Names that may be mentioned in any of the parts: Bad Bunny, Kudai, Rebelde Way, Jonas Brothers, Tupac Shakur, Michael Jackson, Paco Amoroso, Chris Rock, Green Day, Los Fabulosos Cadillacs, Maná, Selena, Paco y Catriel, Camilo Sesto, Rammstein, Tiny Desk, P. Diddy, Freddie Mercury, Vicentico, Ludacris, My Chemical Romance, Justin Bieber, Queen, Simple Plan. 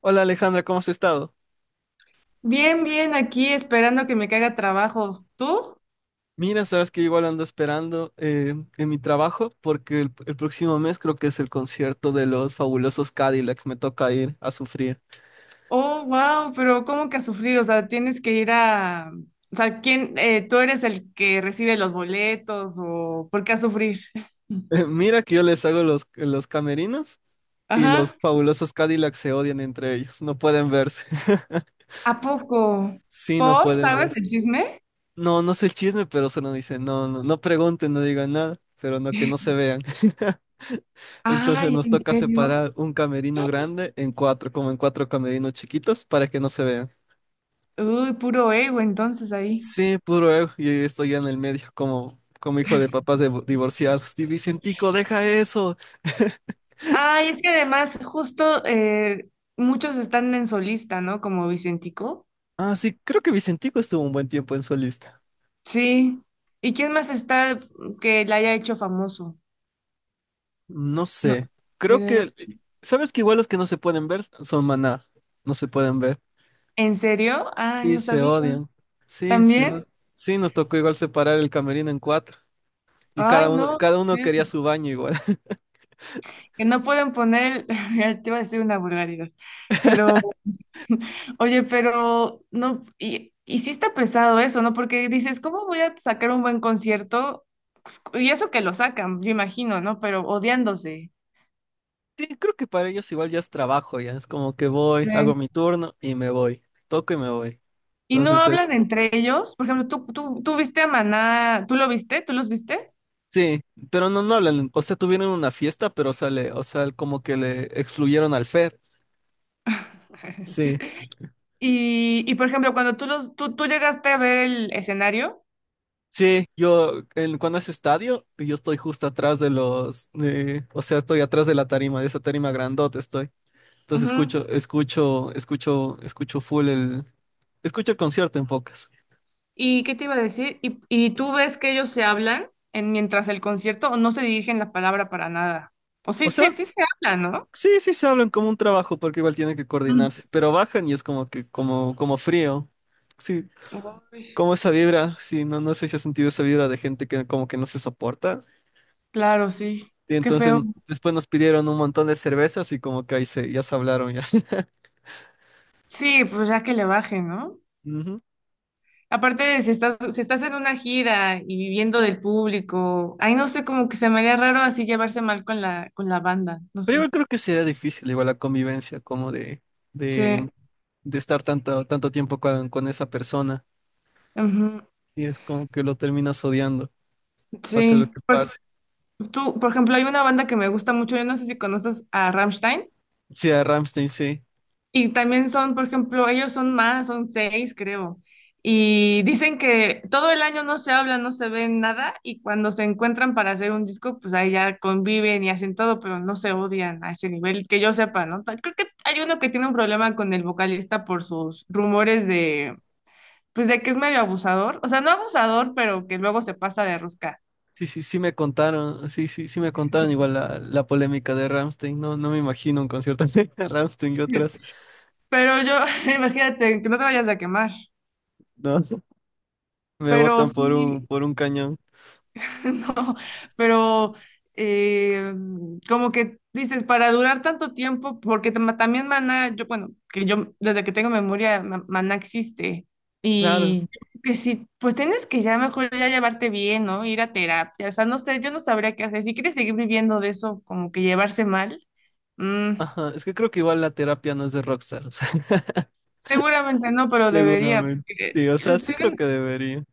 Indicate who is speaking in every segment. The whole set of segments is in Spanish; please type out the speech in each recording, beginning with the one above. Speaker 1: Hola Alejandra, ¿cómo has estado?
Speaker 2: Bien, bien, aquí esperando que me caiga trabajo. ¿Tú?
Speaker 1: Mira, sabes que igual ando esperando en mi trabajo porque el próximo mes creo que es el concierto de los fabulosos Cadillacs, me toca ir a sufrir.
Speaker 2: Oh, wow, pero ¿cómo que a sufrir? O sea, tienes que ir a... O sea, ¿quién? ¿Tú eres el que recibe los boletos o por qué a sufrir?
Speaker 1: Mira que yo les hago los camerinos y los
Speaker 2: Ajá.
Speaker 1: fabulosos Cadillacs se odian entre ellos, no pueden verse.
Speaker 2: ¿A poco?
Speaker 1: Sí, no
Speaker 2: ¿Por?
Speaker 1: pueden
Speaker 2: ¿Sabes
Speaker 1: verse.
Speaker 2: el chisme?
Speaker 1: No, no sé el chisme, pero solo dicen, no, no, no pregunten, no digan nada, pero no que no se vean. Entonces
Speaker 2: Ay,
Speaker 1: nos
Speaker 2: ¿en
Speaker 1: toca
Speaker 2: serio?
Speaker 1: separar un camerino grande en cuatro, como en cuatro camerinos chiquitos para que no se vean.
Speaker 2: Uy, puro ego entonces ahí.
Speaker 1: Sí, puro ego, y estoy ya en el medio, como, como hijo de papás divorciados. Y Vicentico, deja eso.
Speaker 2: Ay, es que además justo muchos están en solista, ¿no? Como Vicentico.
Speaker 1: Ah, sí, creo que Vicentico estuvo un buen tiempo en solista.
Speaker 2: Sí. ¿Y quién más está que la haya hecho famoso?
Speaker 1: No
Speaker 2: No,
Speaker 1: sé, creo
Speaker 2: diría yo,
Speaker 1: que, ¿sabes que igual los que no se pueden ver son Maná? No se pueden ver.
Speaker 2: ¿en serio? Ay,
Speaker 1: Sí,
Speaker 2: no
Speaker 1: se
Speaker 2: sabía.
Speaker 1: odian. Sí, se
Speaker 2: ¿También?
Speaker 1: odian. Sí, nos tocó igual separar el camerino en cuatro. Y
Speaker 2: Ay, no.
Speaker 1: cada uno quería
Speaker 2: Sí,
Speaker 1: su baño igual.
Speaker 2: que no pueden poner, el- te iba a decir una vulgaridad, pero, oye, pero, no, y sí está pesado eso, ¿no? Porque dices, ¿cómo voy a sacar un buen concierto? Y eso que lo sacan, yo imagino, ¿no? Pero odiándose.
Speaker 1: Sí, creo que para ellos igual ya es trabajo, ya. Es como que voy,
Speaker 2: Sí.
Speaker 1: hago mi turno y me voy. Toco y me voy.
Speaker 2: Y no
Speaker 1: Entonces
Speaker 2: hablan
Speaker 1: es.
Speaker 2: entre ellos. Por ejemplo, tú viste a Maná, ¿tú lo viste? ¿Tú los viste?
Speaker 1: Sí, pero no, no hablan, o sea, tuvieron una fiesta, pero sale, o sea, como que le excluyeron al Fer. Sí,
Speaker 2: Y, y, por ejemplo, cuando tú, los, tú llegaste a ver el escenario,
Speaker 1: sí, yo, en, cuando es estadio, yo estoy justo atrás de los, o sea, estoy atrás de la tarima, de esa tarima grandota estoy. Entonces
Speaker 2: ujú.
Speaker 1: escucho full el, escucho el concierto en pocas.
Speaker 2: ¿Y qué te iba a decir? Y tú ves que ellos se hablan en, mientras el concierto o no se dirigen la palabra para nada? O sí,
Speaker 1: O
Speaker 2: sí,
Speaker 1: sea,
Speaker 2: sí se hablan, ¿no?
Speaker 1: sí, sí se hablan como un trabajo, porque igual tienen que
Speaker 2: Mm.
Speaker 1: coordinarse, pero bajan y es como que, como, como frío. Sí,
Speaker 2: Uy,
Speaker 1: como esa vibra, sí, no, no sé si has sentido esa vibra de gente que como que no se soporta.
Speaker 2: claro, sí.
Speaker 1: Y
Speaker 2: Qué
Speaker 1: entonces
Speaker 2: feo.
Speaker 1: después nos pidieron un montón de cervezas y como que ahí se, ya se hablaron ya.
Speaker 2: Sí, pues ya que le bajen, ¿no?
Speaker 1: Ujú.
Speaker 2: Aparte de si estás, si estás en una gira y viviendo del público, ahí no sé, como que se me haría raro así llevarse mal con la banda, no
Speaker 1: Pero
Speaker 2: sé.
Speaker 1: igual creo que sería difícil igual la convivencia como
Speaker 2: Sí,
Speaker 1: de, de estar tanto tiempo con esa persona.
Speaker 2: ujú,
Speaker 1: Y es como que lo terminas odiando, pase lo
Speaker 2: sí.
Speaker 1: que
Speaker 2: Por-
Speaker 1: pase.
Speaker 2: tú, por ejemplo, hay una banda que me gusta mucho, yo no sé si conoces a Rammstein.
Speaker 1: Sí, a Rammstein, sí.
Speaker 2: Y también son, por ejemplo, ellos son más, son seis, creo. Y dicen que todo el año no se hablan, no se ven nada, y cuando se encuentran para hacer un disco, pues ahí ya conviven y hacen todo, pero no se odian a ese nivel, que yo sepa, ¿no? Ta- Creo que hay uno que tiene un problema con el vocalista por sus rumores de, pues de que es medio abusador, o sea, no abusador, pero que luego se pasa de rosca.
Speaker 1: Sí, sí, sí me contaron, sí, sí, sí me contaron igual la polémica de Rammstein. No, no me imagino un concierto de Rammstein y otras.
Speaker 2: Pero yo, imagínate, que no te vayas a quemar,
Speaker 1: No. Me
Speaker 2: pero
Speaker 1: botan
Speaker 2: sí.
Speaker 1: por un cañón.
Speaker 2: No, pero eh, como que dices, para durar tanto tiempo, porque tam- también Maná, yo, bueno, que yo desde que tengo memoria, Ma- Maná existe.
Speaker 1: Claro.
Speaker 2: Y yo creo que sí, pues tienes que ya mejor ya llevarte bien, ¿no? Ir a terapia. O sea, no sé, yo no sabría qué hacer. Si quieres seguir viviendo de eso, como que llevarse mal, mm,
Speaker 1: Ajá. Es que creo que igual la terapia no es de rockstars.
Speaker 2: seguramente no, pero debería.
Speaker 1: Seguramente.
Speaker 2: Porque
Speaker 1: Sí, o sea, sí
Speaker 2: estoy
Speaker 1: creo que debería.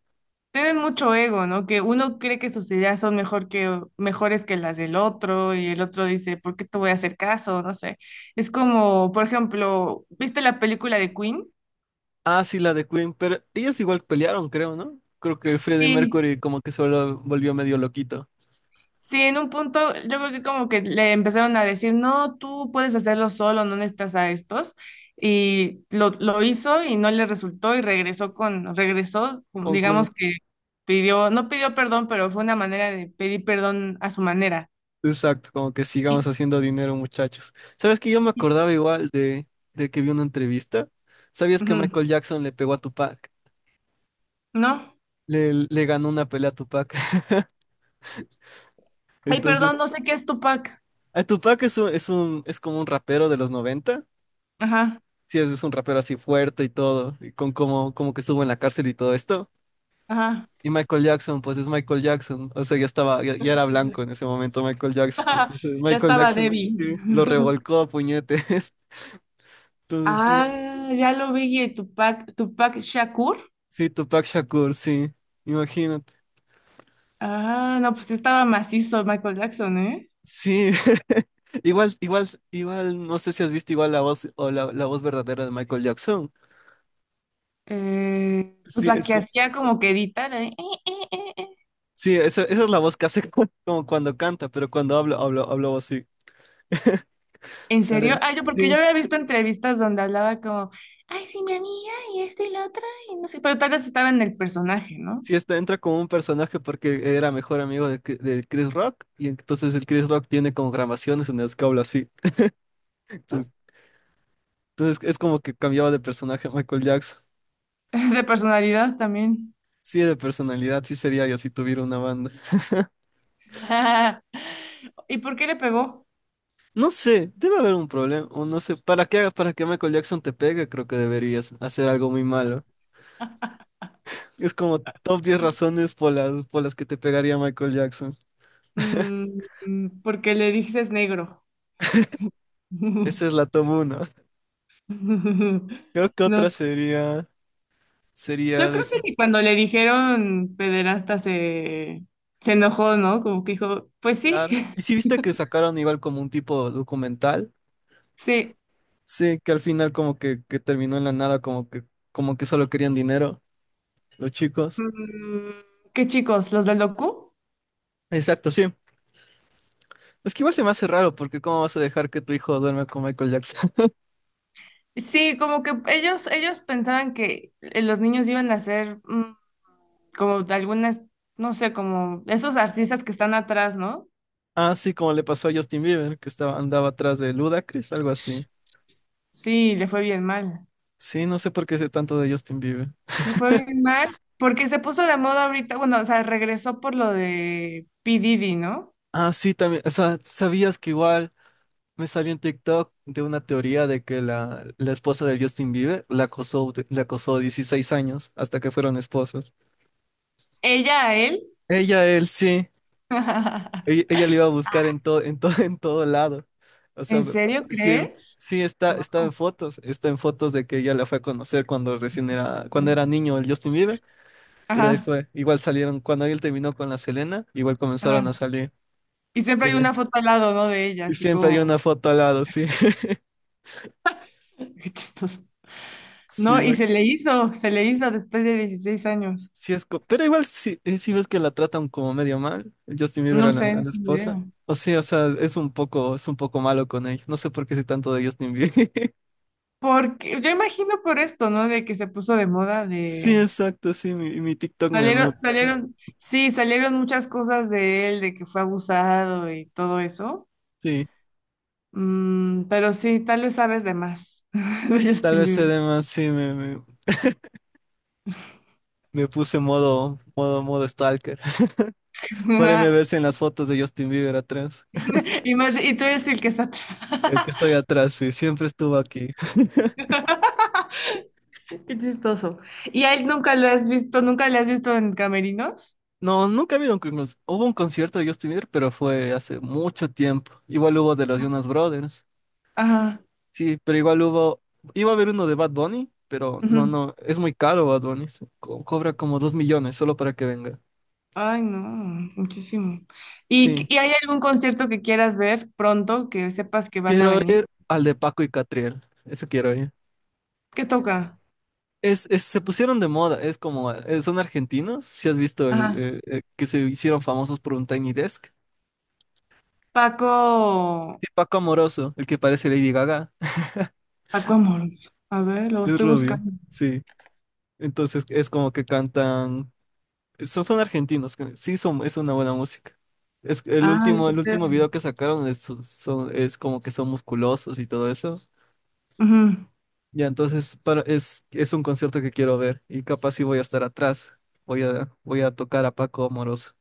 Speaker 2: tienen mucho ego, ¿no? Que uno cree que sus ideas son mejor que, mejores que las del otro y el otro dice, ¿por qué te voy a hacer caso? No sé. Es como, por ejemplo, ¿viste la película de Queen?
Speaker 1: Ah, sí, la de Queen, pero ellos igual pelearon, creo, ¿no? Creo que Freddie
Speaker 2: Sí,
Speaker 1: Mercury como que se volvió volvió medio loquito.
Speaker 2: sí, en un punto yo creo que como que le empezaron a decir, no, tú puedes hacerlo solo, no necesitas a estos. Y lo hizo y no le resultó y regresó con, regresó, mm,
Speaker 1: Con Queen.
Speaker 2: digamos que pidió, no pidió perdón, pero fue una manera de pedir perdón a su manera.
Speaker 1: Exacto, como que sigamos
Speaker 2: Y-
Speaker 1: haciendo dinero, muchachos. ¿Sabes que yo me
Speaker 2: y-
Speaker 1: acordaba igual de que vi una entrevista? ¿Sabías que
Speaker 2: ujú,
Speaker 1: Michael Jackson le pegó a Tupac?
Speaker 2: ¿no?
Speaker 1: Le ganó una pelea a Tupac.
Speaker 2: Ay, perdón,
Speaker 1: Entonces,
Speaker 2: no sé qué es Tupac.
Speaker 1: a Tupac es como un rapero de los noventa.
Speaker 2: Ajá,
Speaker 1: Sí, es un rapero así fuerte y todo, y con cómo, cómo que estuvo en la cárcel y todo esto.
Speaker 2: ajá.
Speaker 1: Y Michael Jackson, pues es Michael Jackson, o sea, ya estaba, ya, ya era blanco en ese momento Michael Jackson. Entonces,
Speaker 2: Ya
Speaker 1: Michael
Speaker 2: estaba
Speaker 1: Jackson,
Speaker 2: Debbie.
Speaker 1: sí, lo revolcó a puñetes. Entonces, sí,
Speaker 2: Ah, ya lo vi, Tupac, Tupac Shakur.
Speaker 1: sí, Tupac Shakur, sí, imagínate.
Speaker 2: Ah, no, pues sí estaba macizo Michael Jackson, ¿eh?
Speaker 1: Sí, igual, igual, igual, no sé si has visto igual la voz o la voz verdadera de Michael Jackson.
Speaker 2: Pues
Speaker 1: Sí,
Speaker 2: la
Speaker 1: es,
Speaker 2: que hacía como que editar, ¿eh? Eh, eh, eh.
Speaker 1: sí, esa es la voz que hace como cuando canta, pero cuando habla, habla así.
Speaker 2: ¿En serio?
Speaker 1: ¿Sabes?
Speaker 2: Ah, yo porque yo
Speaker 1: Sí.
Speaker 2: había visto entrevistas donde hablaba como, ay, sí, mi amiga, y esta y la otra, y no sé, pero tal vez estaba en el personaje, ¿no?
Speaker 1: Sí, está, entra como un personaje porque era mejor amigo de, de Chris Rock y entonces el Chris Rock tiene como grabaciones en las que habla así. Entonces, entonces es como que cambiaba de personaje Michael Jackson.
Speaker 2: De personalidad también.
Speaker 1: Sí, de personalidad, sí sería yo si tuviera una banda.
Speaker 2: ¿Y por qué le pegó?
Speaker 1: No sé, debe haber un problema, o no sé, para que Michael Jackson te pegue, creo que deberías hacer algo muy malo. Es como top 10 razones por por las que te pegaría Michael Jackson.
Speaker 2: Mm, mm, porque le dices negro.
Speaker 1: Esa es la top 1. Creo que
Speaker 2: No,
Speaker 1: otra sería,
Speaker 2: yo
Speaker 1: sería de
Speaker 2: creo que ni cuando le dijeron pederasta se, se enojó, ¿no? Como que dijo, pues sí,
Speaker 1: claro. Y si viste que sacaron igual como un tipo documental,
Speaker 2: sí.
Speaker 1: sí, que al final como que terminó en la nada, como que solo querían dinero los chicos.
Speaker 2: Mm, ¿qué chicos? ¿Los del docu?
Speaker 1: Exacto, sí. Es que igual se me hace raro, porque ¿cómo vas a dejar que tu hijo duerme con Michael Jackson?
Speaker 2: Sí, como que ellos pensaban que los niños iban a ser mm, como de algunas, no sé, como esos artistas que están atrás, ¿no?
Speaker 1: Ah, sí, como le pasó a Justin Bieber, que estaba, andaba atrás de Ludacris, algo así.
Speaker 2: Sí, le fue bien mal.
Speaker 1: Sí, no sé por qué sé tanto de Justin Bieber.
Speaker 2: Le fue bien mal porque se puso de moda ahorita, bueno, o sea, regresó por lo de P. Diddy, ¿no?
Speaker 1: Ah, sí, también, o sea, ¿sabías que igual? Me salió en TikTok de una teoría de que la esposa de Justin Bieber la acosó, la acosó 16 años hasta que fueron esposos.
Speaker 2: Ella a él.
Speaker 1: Ella, él, sí. Ella, ella le iba a buscar en todo, en todo lado. O
Speaker 2: ¿En
Speaker 1: sea,
Speaker 2: serio
Speaker 1: sí,
Speaker 2: crees?
Speaker 1: sí está,
Speaker 2: Wow.
Speaker 1: está en fotos. Está en fotos de que ella la fue a conocer cuando recién era, cuando era niño el Justin Bieber. Y de ahí
Speaker 2: Ajá,
Speaker 1: fue. Igual salieron, cuando él terminó con la Selena, igual comenzaron a
Speaker 2: ajá.
Speaker 1: salir.
Speaker 2: Y siempre
Speaker 1: Y,
Speaker 2: hay una foto al lado, ¿no? De ella,
Speaker 1: y
Speaker 2: así
Speaker 1: siempre hay
Speaker 2: como,
Speaker 1: una foto al lado, sí.
Speaker 2: qué chistoso. No,
Speaker 1: Sí,
Speaker 2: y se le hizo después de 16 años.
Speaker 1: sí, pero igual si sí, sí ves que la tratan como medio mal, Justin Bieber
Speaker 2: No sé,
Speaker 1: a
Speaker 2: no
Speaker 1: la
Speaker 2: tengo
Speaker 1: esposa.
Speaker 2: idea.
Speaker 1: O sí, o sea, es un poco malo con ella. No sé por qué sé tanto de Justin Bieber.
Speaker 2: Porque yo imagino por esto, ¿no? De que se puso de moda
Speaker 1: Sí,
Speaker 2: de...
Speaker 1: exacto, sí, mi TikTok
Speaker 2: Salieron, salieron, sí, salieron muchas cosas de él, de que fue abusado y todo eso.
Speaker 1: sí,
Speaker 2: Mm, pero sí, tal vez sabes de más de
Speaker 1: tal
Speaker 2: Justin
Speaker 1: vez se
Speaker 2: Bieber.
Speaker 1: dé más, sí, me puse modo stalker. Por ahí me ves en las fotos de Justin Bieber atrás.
Speaker 2: Y más, y tú eres el que está atrás.
Speaker 1: El que estoy atrás, sí, siempre estuvo aquí.
Speaker 2: Qué chistoso. ¿Y a él nunca lo has visto? ¿Nunca le has visto en camerinos?
Speaker 1: No, nunca ha habido un, hubo un concierto de Justin Bieber, pero fue hace mucho tiempo. Igual hubo de los Jonas Brothers.
Speaker 2: Ajá.
Speaker 1: Sí, pero igual hubo, iba a haber uno de Bad Bunny, pero no,
Speaker 2: Ujú.
Speaker 1: no, es muy caro Bad Bunny, cobra como 2 millones solo para que venga.
Speaker 2: Ay, no, muchísimo.
Speaker 1: Sí,
Speaker 2: Y hay algún concierto que quieras ver pronto, que sepas que van a
Speaker 1: quiero
Speaker 2: venir?
Speaker 1: ir al de Paco y Catriel, eso quiero ir.
Speaker 2: ¿Qué toca?
Speaker 1: Se pusieron de moda, es como, son argentinos, si has visto el,
Speaker 2: Ajá.
Speaker 1: que se hicieron famosos por un Tiny Desk.
Speaker 2: Paco,
Speaker 1: Y Paco Amoroso, el que parece Lady Gaga,
Speaker 2: Paco Amoroso. A ver, lo
Speaker 1: es
Speaker 2: estoy
Speaker 1: rubio,
Speaker 2: buscando.
Speaker 1: sí. Entonces es como que cantan. Son, son argentinos, que sí son, es una buena música. Es que
Speaker 2: Ay,
Speaker 1: el último video que sacaron es, es como que son musculosos y todo eso.
Speaker 2: ujú.
Speaker 1: Ya, entonces para, es un concierto que quiero ver y capaz si voy a estar atrás. Voy a tocar a Paco Amoroso.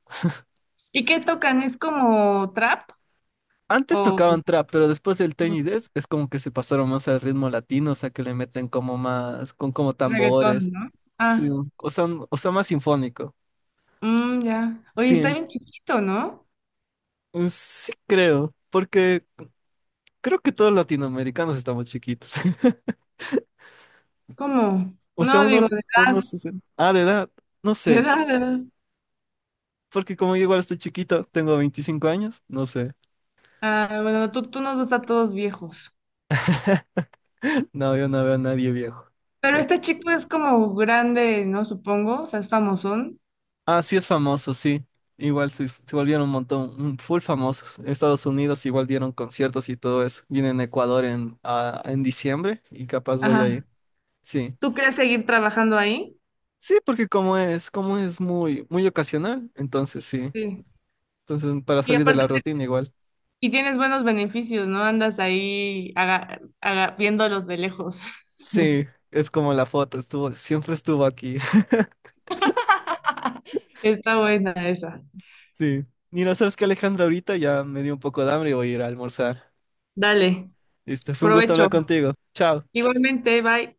Speaker 2: ¿Y qué tocan? ¿Es como trap?
Speaker 1: Antes
Speaker 2: O
Speaker 1: tocaban trap, pero después del Tiny Desk es como que se pasaron más al ritmo latino, o sea que le meten como más, con como
Speaker 2: reggaetón,
Speaker 1: tambores.
Speaker 2: ¿no?
Speaker 1: Sí,
Speaker 2: Ah,
Speaker 1: o sea, o sea, más sinfónico.
Speaker 2: mm, ya. Oye,
Speaker 1: Sí,
Speaker 2: está bien chiquito, ¿no?
Speaker 1: sí creo, porque creo que todos los latinoamericanos estamos chiquitos.
Speaker 2: ¿Cómo?
Speaker 1: O sea,
Speaker 2: No, digo, de edad,
Speaker 1: de edad, no
Speaker 2: de
Speaker 1: sé.
Speaker 2: edad, de edad.
Speaker 1: Porque como yo igual estoy chiquito, tengo 25 años, no sé.
Speaker 2: Ah, bueno, tú nos gusta a todos viejos.
Speaker 1: No, yo no veo a nadie viejo.
Speaker 2: Pero
Speaker 1: Por-
Speaker 2: este chico es como grande, ¿no? Supongo, o sea, es famosón.
Speaker 1: ah, sí es famoso, sí. Igual se, se volvieron un montón, full famosos. En Estados Unidos igual dieron conciertos y todo eso. Viene en Ecuador en, en diciembre y capaz voy a
Speaker 2: Ajá.
Speaker 1: ir. Sí.
Speaker 2: ¿Tú crees seguir trabajando ahí?
Speaker 1: Sí, porque como es muy, muy ocasional, entonces sí.
Speaker 2: Sí.
Speaker 1: Entonces, para
Speaker 2: Y
Speaker 1: salir de la
Speaker 2: aparte,
Speaker 1: rutina igual.
Speaker 2: y tienes buenos beneficios, ¿no? Andas ahí aga- aga- viéndolos de lejos.
Speaker 1: Sí, es como la foto, estuvo, siempre estuvo aquí.
Speaker 2: Está buena esa.
Speaker 1: Sí. Y no sabes que Alejandra ahorita ya me dio un poco de hambre y voy a ir a almorzar.
Speaker 2: Dale,
Speaker 1: Listo, fue un gusto hablar
Speaker 2: provecho.
Speaker 1: contigo. Chao.
Speaker 2: Igualmente, bye.